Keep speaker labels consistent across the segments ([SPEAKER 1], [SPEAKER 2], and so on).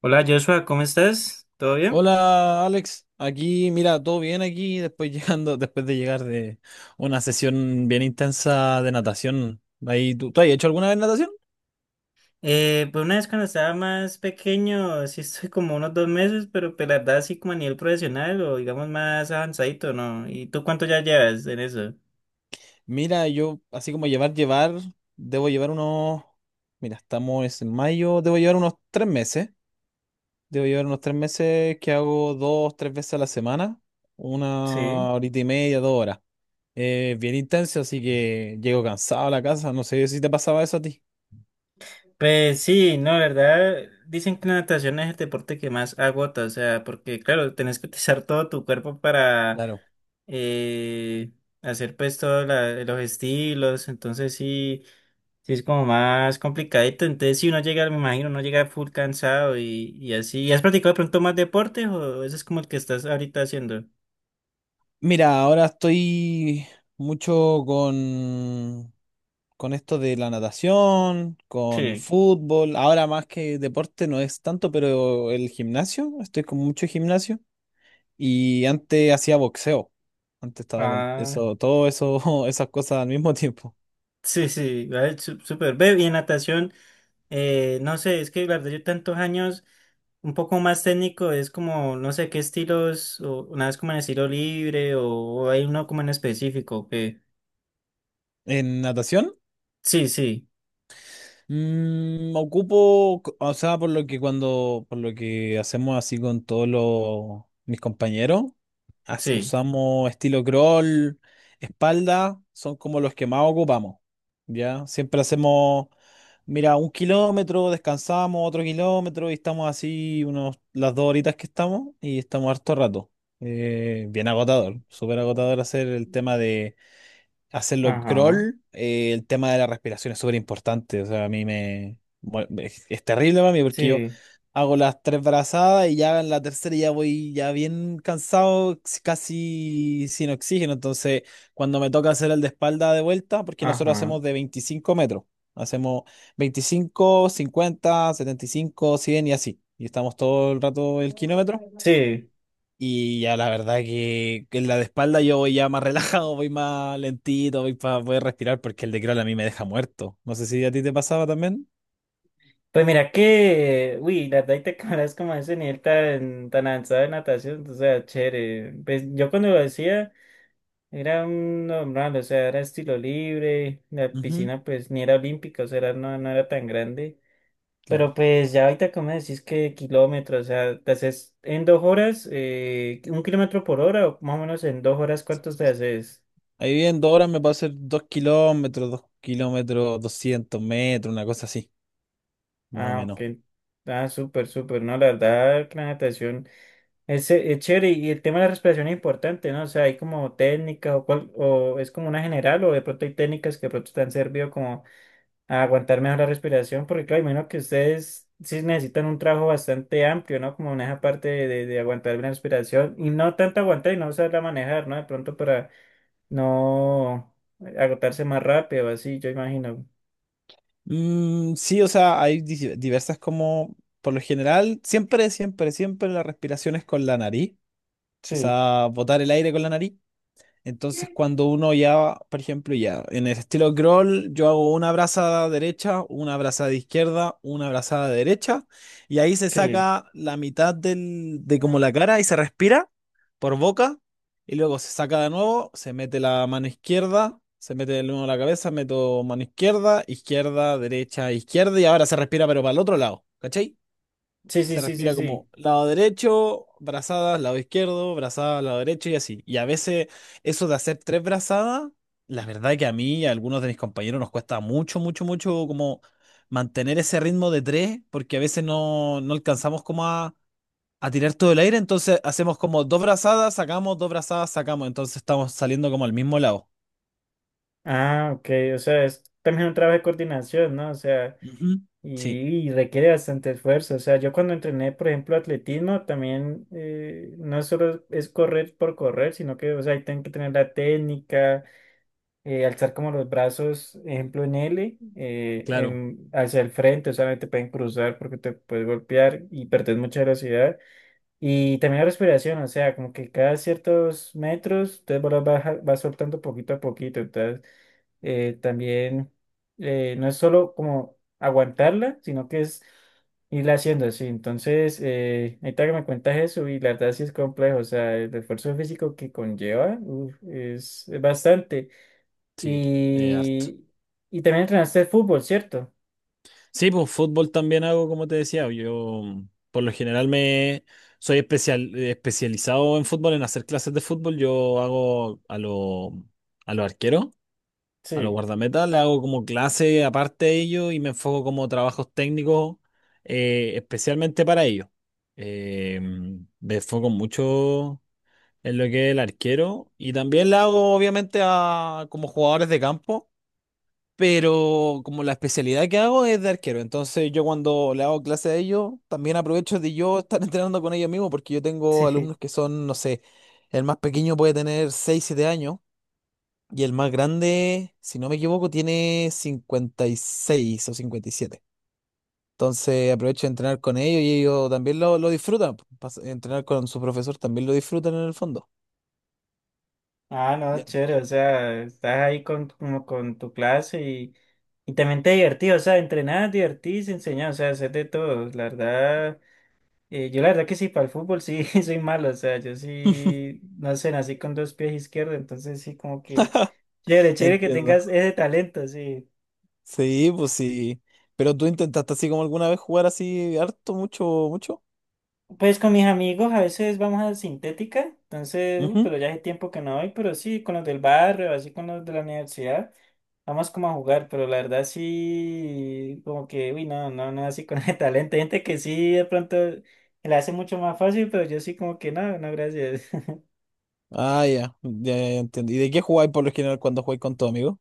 [SPEAKER 1] Hola Joshua, ¿cómo estás? ¿Todo bien?
[SPEAKER 2] Hola Alex, aquí mira, todo bien aquí, después después de llegar de una sesión bien intensa de natación. Ahí, ¿tú has hecho alguna vez natación?
[SPEAKER 1] Pues una vez cuando estaba más pequeño, sí estoy como unos dos meses, pero pues la verdad así como a nivel profesional o digamos más avanzadito, ¿no? ¿Y tú cuánto ya llevas en eso?
[SPEAKER 2] Mira, yo así como llevar, debo llevar unos, mira, estamos en mayo, debo llevar unos 3 meses, debo llevar unos tres meses que hago dos, tres veces a la semana,
[SPEAKER 1] Sí.
[SPEAKER 2] una horita y media, 2 horas. Es bien intenso, así que llego cansado a la casa, no sé si te pasaba eso a ti.
[SPEAKER 1] Pues sí, no, la verdad, dicen que la natación es el deporte que más agota, o sea, porque claro, tenés que utilizar todo tu cuerpo para
[SPEAKER 2] Claro.
[SPEAKER 1] eh, hacer pues todos los estilos, entonces sí. Sí, es como más complicadito. Entonces, si uno llega, me imagino, uno llega full cansado y así. ¿Y has practicado de pronto más deportes o ese es como el que estás ahorita haciendo?
[SPEAKER 2] Mira, ahora estoy mucho con esto de la natación, con
[SPEAKER 1] Sí.
[SPEAKER 2] fútbol. Ahora más que deporte no es tanto, pero el gimnasio, estoy con mucho gimnasio. Y antes hacía boxeo. Antes estaba con
[SPEAKER 1] Ah,
[SPEAKER 2] eso, todo eso, esas cosas al mismo tiempo.
[SPEAKER 1] sí, sí, vale, súper. Ve, y en natación, no sé, es que la verdad yo tantos años, un poco más técnico, es como, no sé qué estilos, o una vez como en estilo libre o hay uno como en específico que...
[SPEAKER 2] En natación.
[SPEAKER 1] Sí, sí,
[SPEAKER 2] Ocupo, o sea, por lo que hacemos así con todos mis compañeros,
[SPEAKER 1] sí.
[SPEAKER 2] usamos estilo crawl, espalda, son como los que más ocupamos, ¿ya? Siempre hacemos, mira, 1 kilómetro, descansamos otro kilómetro y estamos así las dos horitas que estamos y estamos harto rato. Bien agotador, súper agotador hacerlo
[SPEAKER 1] Ajá,
[SPEAKER 2] crawl. Eh, el tema de la respiración es súper importante. O sea, a mí me, bueno, es terrible para mí porque yo
[SPEAKER 1] sí,
[SPEAKER 2] hago las tres brazadas y ya en la tercera ya voy ya bien cansado, casi sin oxígeno. Entonces, cuando me toca hacer el de espalda de vuelta, porque nosotros
[SPEAKER 1] ajá,
[SPEAKER 2] hacemos de 25 metros, hacemos 25, 50, 75, 100 y así. Y estamos todo el rato el kilómetro.
[SPEAKER 1] sí.
[SPEAKER 2] Y ya la verdad que en la de espalda yo voy ya más relajado, voy más lentito, voy para poder respirar porque el de crawl a mí me deja muerto. No sé si a ti te pasaba también.
[SPEAKER 1] Pues mira que, uy, la verdad y te cabrás como a ese nivel tan, tan avanzado de natación, o sea, chévere. Pues yo cuando lo hacía era un normal, o sea, era estilo libre, la
[SPEAKER 2] Ujú,
[SPEAKER 1] piscina pues ni era olímpica, o sea, no, no era tan grande.
[SPEAKER 2] claro.
[SPEAKER 1] Pero pues ya ahorita como decís que kilómetros, o sea, te haces en dos horas, un kilómetro por hora, o más o menos en dos horas, ¿cuántos te haces?
[SPEAKER 2] Ahí bien, dos horas me puedo hacer 2 kilómetros, dos kilómetros, 200 metros, una cosa así, más o
[SPEAKER 1] Ah,
[SPEAKER 2] menos.
[SPEAKER 1] ok. Ah, súper, súper, no, la verdad que la natación... es chévere y el tema de la respiración es importante, ¿no? O sea, hay como técnicas o, o es como una general o de pronto hay técnicas que de pronto te han servido como a aguantar mejor la respiración, porque claro, imagino que ustedes sí necesitan un trabajo bastante amplio, ¿no? Como en esa parte de aguantar bien la respiración y no tanto aguantar y no saberla manejar, ¿no? De pronto para no agotarse más rápido, así, yo imagino.
[SPEAKER 2] Mm, sí, o sea, hay diversas como, por lo general, siempre, siempre, siempre la respiración es con la nariz, o
[SPEAKER 1] Sí,
[SPEAKER 2] sea, botar el aire con la nariz. Entonces, cuando uno ya, por ejemplo, ya en el estilo crawl, yo hago una brazada derecha, una brazada izquierda, una brazada derecha, y ahí se
[SPEAKER 1] sí.
[SPEAKER 2] saca la mitad del, de como la cara y se respira por boca, y luego se saca de nuevo, se mete la mano izquierda, se mete de nuevo la cabeza, meto mano izquierda, izquierda, derecha, izquierda, y ahora se respira, pero para el otro lado, ¿cachai?
[SPEAKER 1] Sí, sí,
[SPEAKER 2] Se
[SPEAKER 1] sí, sí,
[SPEAKER 2] respira como
[SPEAKER 1] sí.
[SPEAKER 2] lado derecho, brazadas, lado izquierdo, brazadas, lado derecho y así. Y a veces eso de hacer tres brazadas, la verdad que a mí y a algunos de mis compañeros nos cuesta mucho, mucho, mucho como mantener ese ritmo de tres, porque a veces no alcanzamos como a tirar todo el aire, entonces hacemos como dos brazadas, sacamos, entonces estamos saliendo como al mismo lado.
[SPEAKER 1] Ah, ok, o sea, es también un trabajo de coordinación, ¿no? O sea...
[SPEAKER 2] Ujú. Sí,
[SPEAKER 1] Y, y requiere bastante esfuerzo. O sea, yo cuando entrené, por ejemplo, atletismo, también no solo es correr por correr, sino que, o sea, ahí tienen que tener la técnica, alzar como los brazos, ejemplo, en L,
[SPEAKER 2] claro,
[SPEAKER 1] hacia el frente, o sea, no te pueden cruzar porque te puedes golpear y perder mucha velocidad. Y también la respiración, o sea, como que cada ciertos metros, entonces vas soltando poquito a poquito. Entonces, también no es solo como aguantarla, sino que es irla haciendo así. Entonces, ahorita que me cuentas eso, y la verdad sí es complejo, o sea, el esfuerzo físico que conlleva uf, es bastante.
[SPEAKER 2] sí, harto.
[SPEAKER 1] Y, y también entrenaste fútbol, ¿cierto?
[SPEAKER 2] Sí, pues fútbol también hago, como te decía. Yo, por lo general, me soy especializado en fútbol, en hacer clases de fútbol. Yo hago a los arqueros, a los
[SPEAKER 1] Sí,
[SPEAKER 2] guardametas, le hago como clase aparte de ellos y me enfoco como trabajos técnicos, especialmente para ellos. Eh, Me enfoco mucho en lo que es el arquero y también le hago obviamente a como jugadores de campo. Pero como la especialidad que hago es de arquero, entonces yo cuando le hago clase a ellos, también aprovecho de yo estar entrenando con ellos mismos, porque yo tengo
[SPEAKER 1] sí.
[SPEAKER 2] alumnos que son, no sé, el más pequeño puede tener 6 7 años, y el más grande, si no me equivoco, tiene 56 o 57. Entonces aprovecho de entrenar con ellos y ellos también lo disfrutan. Pues, entrenar con su profesor también lo disfrutan en el fondo.
[SPEAKER 1] Ah,
[SPEAKER 2] Ya.
[SPEAKER 1] no, chévere, o sea, estás ahí con, como con tu clase y también te divertís, o sea, entrenás, divertís, enseñás, o sea, hacer de todo, la verdad. Yo la verdad que sí, para el fútbol sí soy malo, o sea, yo sí, no sé, nací con dos pies izquierdos, entonces sí como que chévere, chévere que
[SPEAKER 2] Entiendo.
[SPEAKER 1] tengas ese talento, sí.
[SPEAKER 2] Sí, pues sí. Pero tú intentaste así como alguna vez jugar así harto, mucho, mucho.
[SPEAKER 1] Pues con mis amigos a veces vamos a sintética, entonces, uy,
[SPEAKER 2] Ujú.
[SPEAKER 1] pero ya hace tiempo que no voy, pero sí, con los del barrio, así con los de la universidad, vamos como a jugar, pero la verdad sí, como que, uy, no, no, no, así con ese talento, hay gente que sí, de pronto la hace mucho más fácil, pero yo sí como que no, no, gracias.
[SPEAKER 2] Ah, ya. Ya, ya, ya entiendo. ¿Y de qué jugáis por lo general cuando jugáis con tu amigo?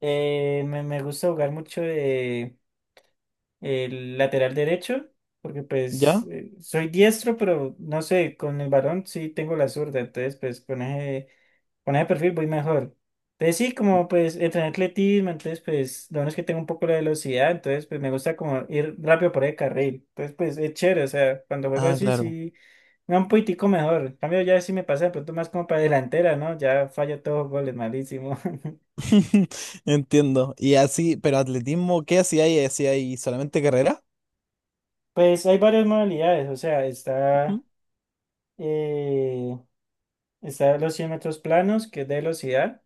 [SPEAKER 1] Me gusta jugar mucho de... el lateral derecho, porque pues
[SPEAKER 2] ¿Ya?
[SPEAKER 1] soy diestro, pero no sé, con el balón sí tengo la zurda, entonces pues con ese perfil voy mejor. Entonces sí, como pues entrenar atletismo, entonces pues lo bueno es que tengo un poco la velocidad, entonces pues me gusta como ir rápido por el carril, entonces pues es chévere, o sea, cuando juego
[SPEAKER 2] Ah,
[SPEAKER 1] así
[SPEAKER 2] claro.
[SPEAKER 1] sí me da un poquitico mejor, en cambio ya sí me pasa de pronto más como para delantera, ¿no? Ya fallo todos los goles, malísimo.
[SPEAKER 2] Entiendo. Y así, pero atletismo, ¿qué hacía ahí? ¿Hacía ahí solamente carrera?
[SPEAKER 1] Pues hay varias modalidades, o sea, está...
[SPEAKER 2] Ujú.
[SPEAKER 1] eh, Está los 100 metros planos, que es de velocidad.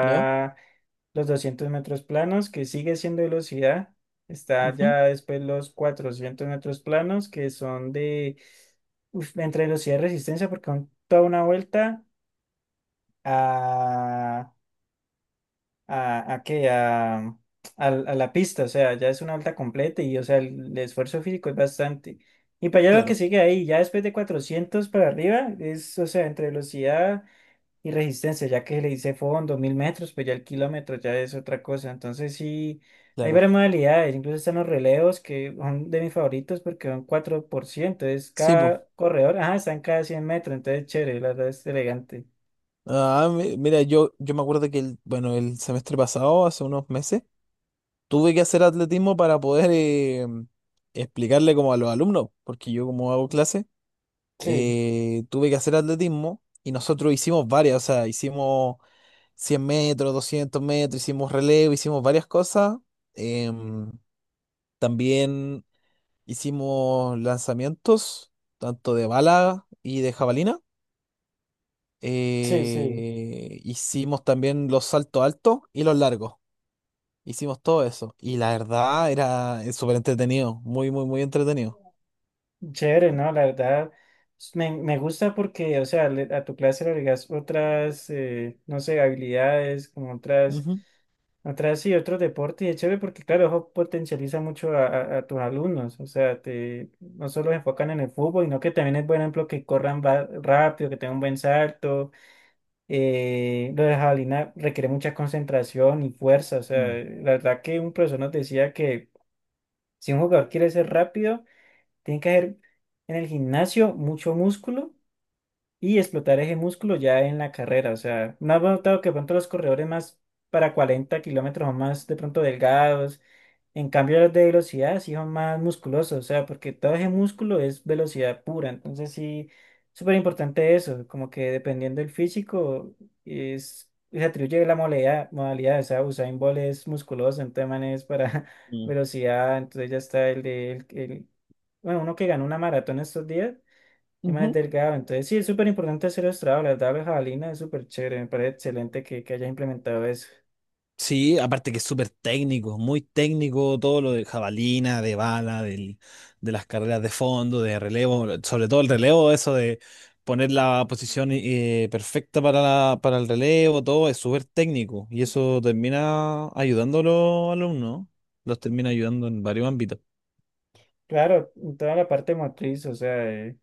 [SPEAKER 2] ¿Ya?
[SPEAKER 1] los 200 metros planos, que sigue siendo velocidad. Está
[SPEAKER 2] Ujú.
[SPEAKER 1] ya después los 400 metros planos, que son de uf, entre velocidad y resistencia, porque son toda una vuelta a, a qué, a la pista. O sea, ya es una vuelta completa y, o sea, el esfuerzo físico es bastante. Y para allá lo que
[SPEAKER 2] Claro,
[SPEAKER 1] sigue ahí, ya después de 400 para arriba, es, o sea, entre velocidad. Y resistencia, ya que le hice fondo, 1000 metros, pues ya el kilómetro ya es otra cosa. Entonces sí, hay
[SPEAKER 2] claro.
[SPEAKER 1] varias modalidades. Incluso están los relevos, que son de mis favoritos porque son 4% Es
[SPEAKER 2] Sí, pues.
[SPEAKER 1] cada corredor, ajá, están cada 100 metros. Entonces chévere, la verdad es elegante.
[SPEAKER 2] Ah, mira, yo me acuerdo que el, bueno, el semestre pasado, hace unos meses, tuve que hacer atletismo para poder explicarle como a los alumnos, porque yo como hago clase,
[SPEAKER 1] Sí,
[SPEAKER 2] tuve que hacer atletismo y nosotros hicimos varias, o sea, hicimos 100 metros, 200 metros, hicimos relevo, hicimos varias cosas. em, También hicimos lanzamientos, tanto de bala y de jabalina.
[SPEAKER 1] sí, sí.
[SPEAKER 2] Hicimos también los saltos altos y los largos. Hicimos todo eso. Y la verdad era, súper entretenido. Muy, muy, muy entretenido.
[SPEAKER 1] Chévere, ¿no? La verdad, me gusta porque, o sea, a tu clase le agregas otras, no sé, habilidades, como
[SPEAKER 2] Ujú.
[SPEAKER 1] sí, otros deportes, y es chévere porque, claro, eso potencializa mucho a tus alumnos, o sea, te, no solo se enfocan en el fútbol, sino que también es, por ejemplo, que corran rápido, que tengan un buen salto, lo de jabalina requiere mucha concentración y fuerza, o sea,
[SPEAKER 2] Mm,
[SPEAKER 1] la verdad que un profesor nos decía que si un jugador quiere ser rápido, tiene que haber en el gimnasio mucho músculo y explotar ese músculo ya en la carrera. O sea, no has notado que de pronto los corredores más para 40 kilómetros o más de pronto delgados. En cambio, los de velocidad sí son más musculosos. O sea, porque todo ese músculo es velocidad pura. Entonces sí, súper importante eso. Como que dependiendo del físico es... Se atribuye la modalidad, modalidad, o sea, Usain Bolt es musculoso, entonces man es para
[SPEAKER 2] mm.
[SPEAKER 1] velocidad, entonces ya está el de él bueno, uno que ganó una maratón estos días, el man es
[SPEAKER 2] Ujú.
[SPEAKER 1] delgado. Entonces, sí, es súper importante hacer estrado. La tabla jabalina es súper chévere. Me parece excelente que hayas implementado eso.
[SPEAKER 2] Sí, aparte que es súper técnico, muy técnico todo lo de jabalina, de bala, de las carreras de fondo, de relevo, sobre todo el relevo, eso de poner la posición, perfecta para el relevo, todo es súper técnico y eso termina ayudando a los alumnos, los termina ayudando en varios ámbitos.
[SPEAKER 1] Claro, en toda la parte motriz, o sea,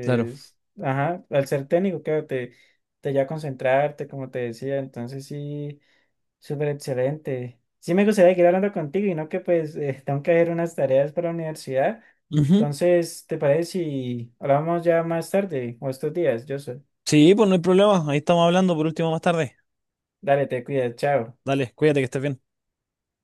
[SPEAKER 2] Claro.
[SPEAKER 1] ajá, al ser técnico, claro, te lleva a concentrarte, como te decía. Entonces, sí, súper excelente. Sí, me gustaría seguir hablando contigo y no que pues tengo que hacer unas tareas para la universidad. Entonces, ¿te parece si hablamos ya más tarde o estos días, Yo soy
[SPEAKER 2] Sí, pues no hay problema. Ahí estamos hablando por último más tarde.
[SPEAKER 1] Dale, te cuidas, chao.
[SPEAKER 2] Dale, cuídate que estés bien.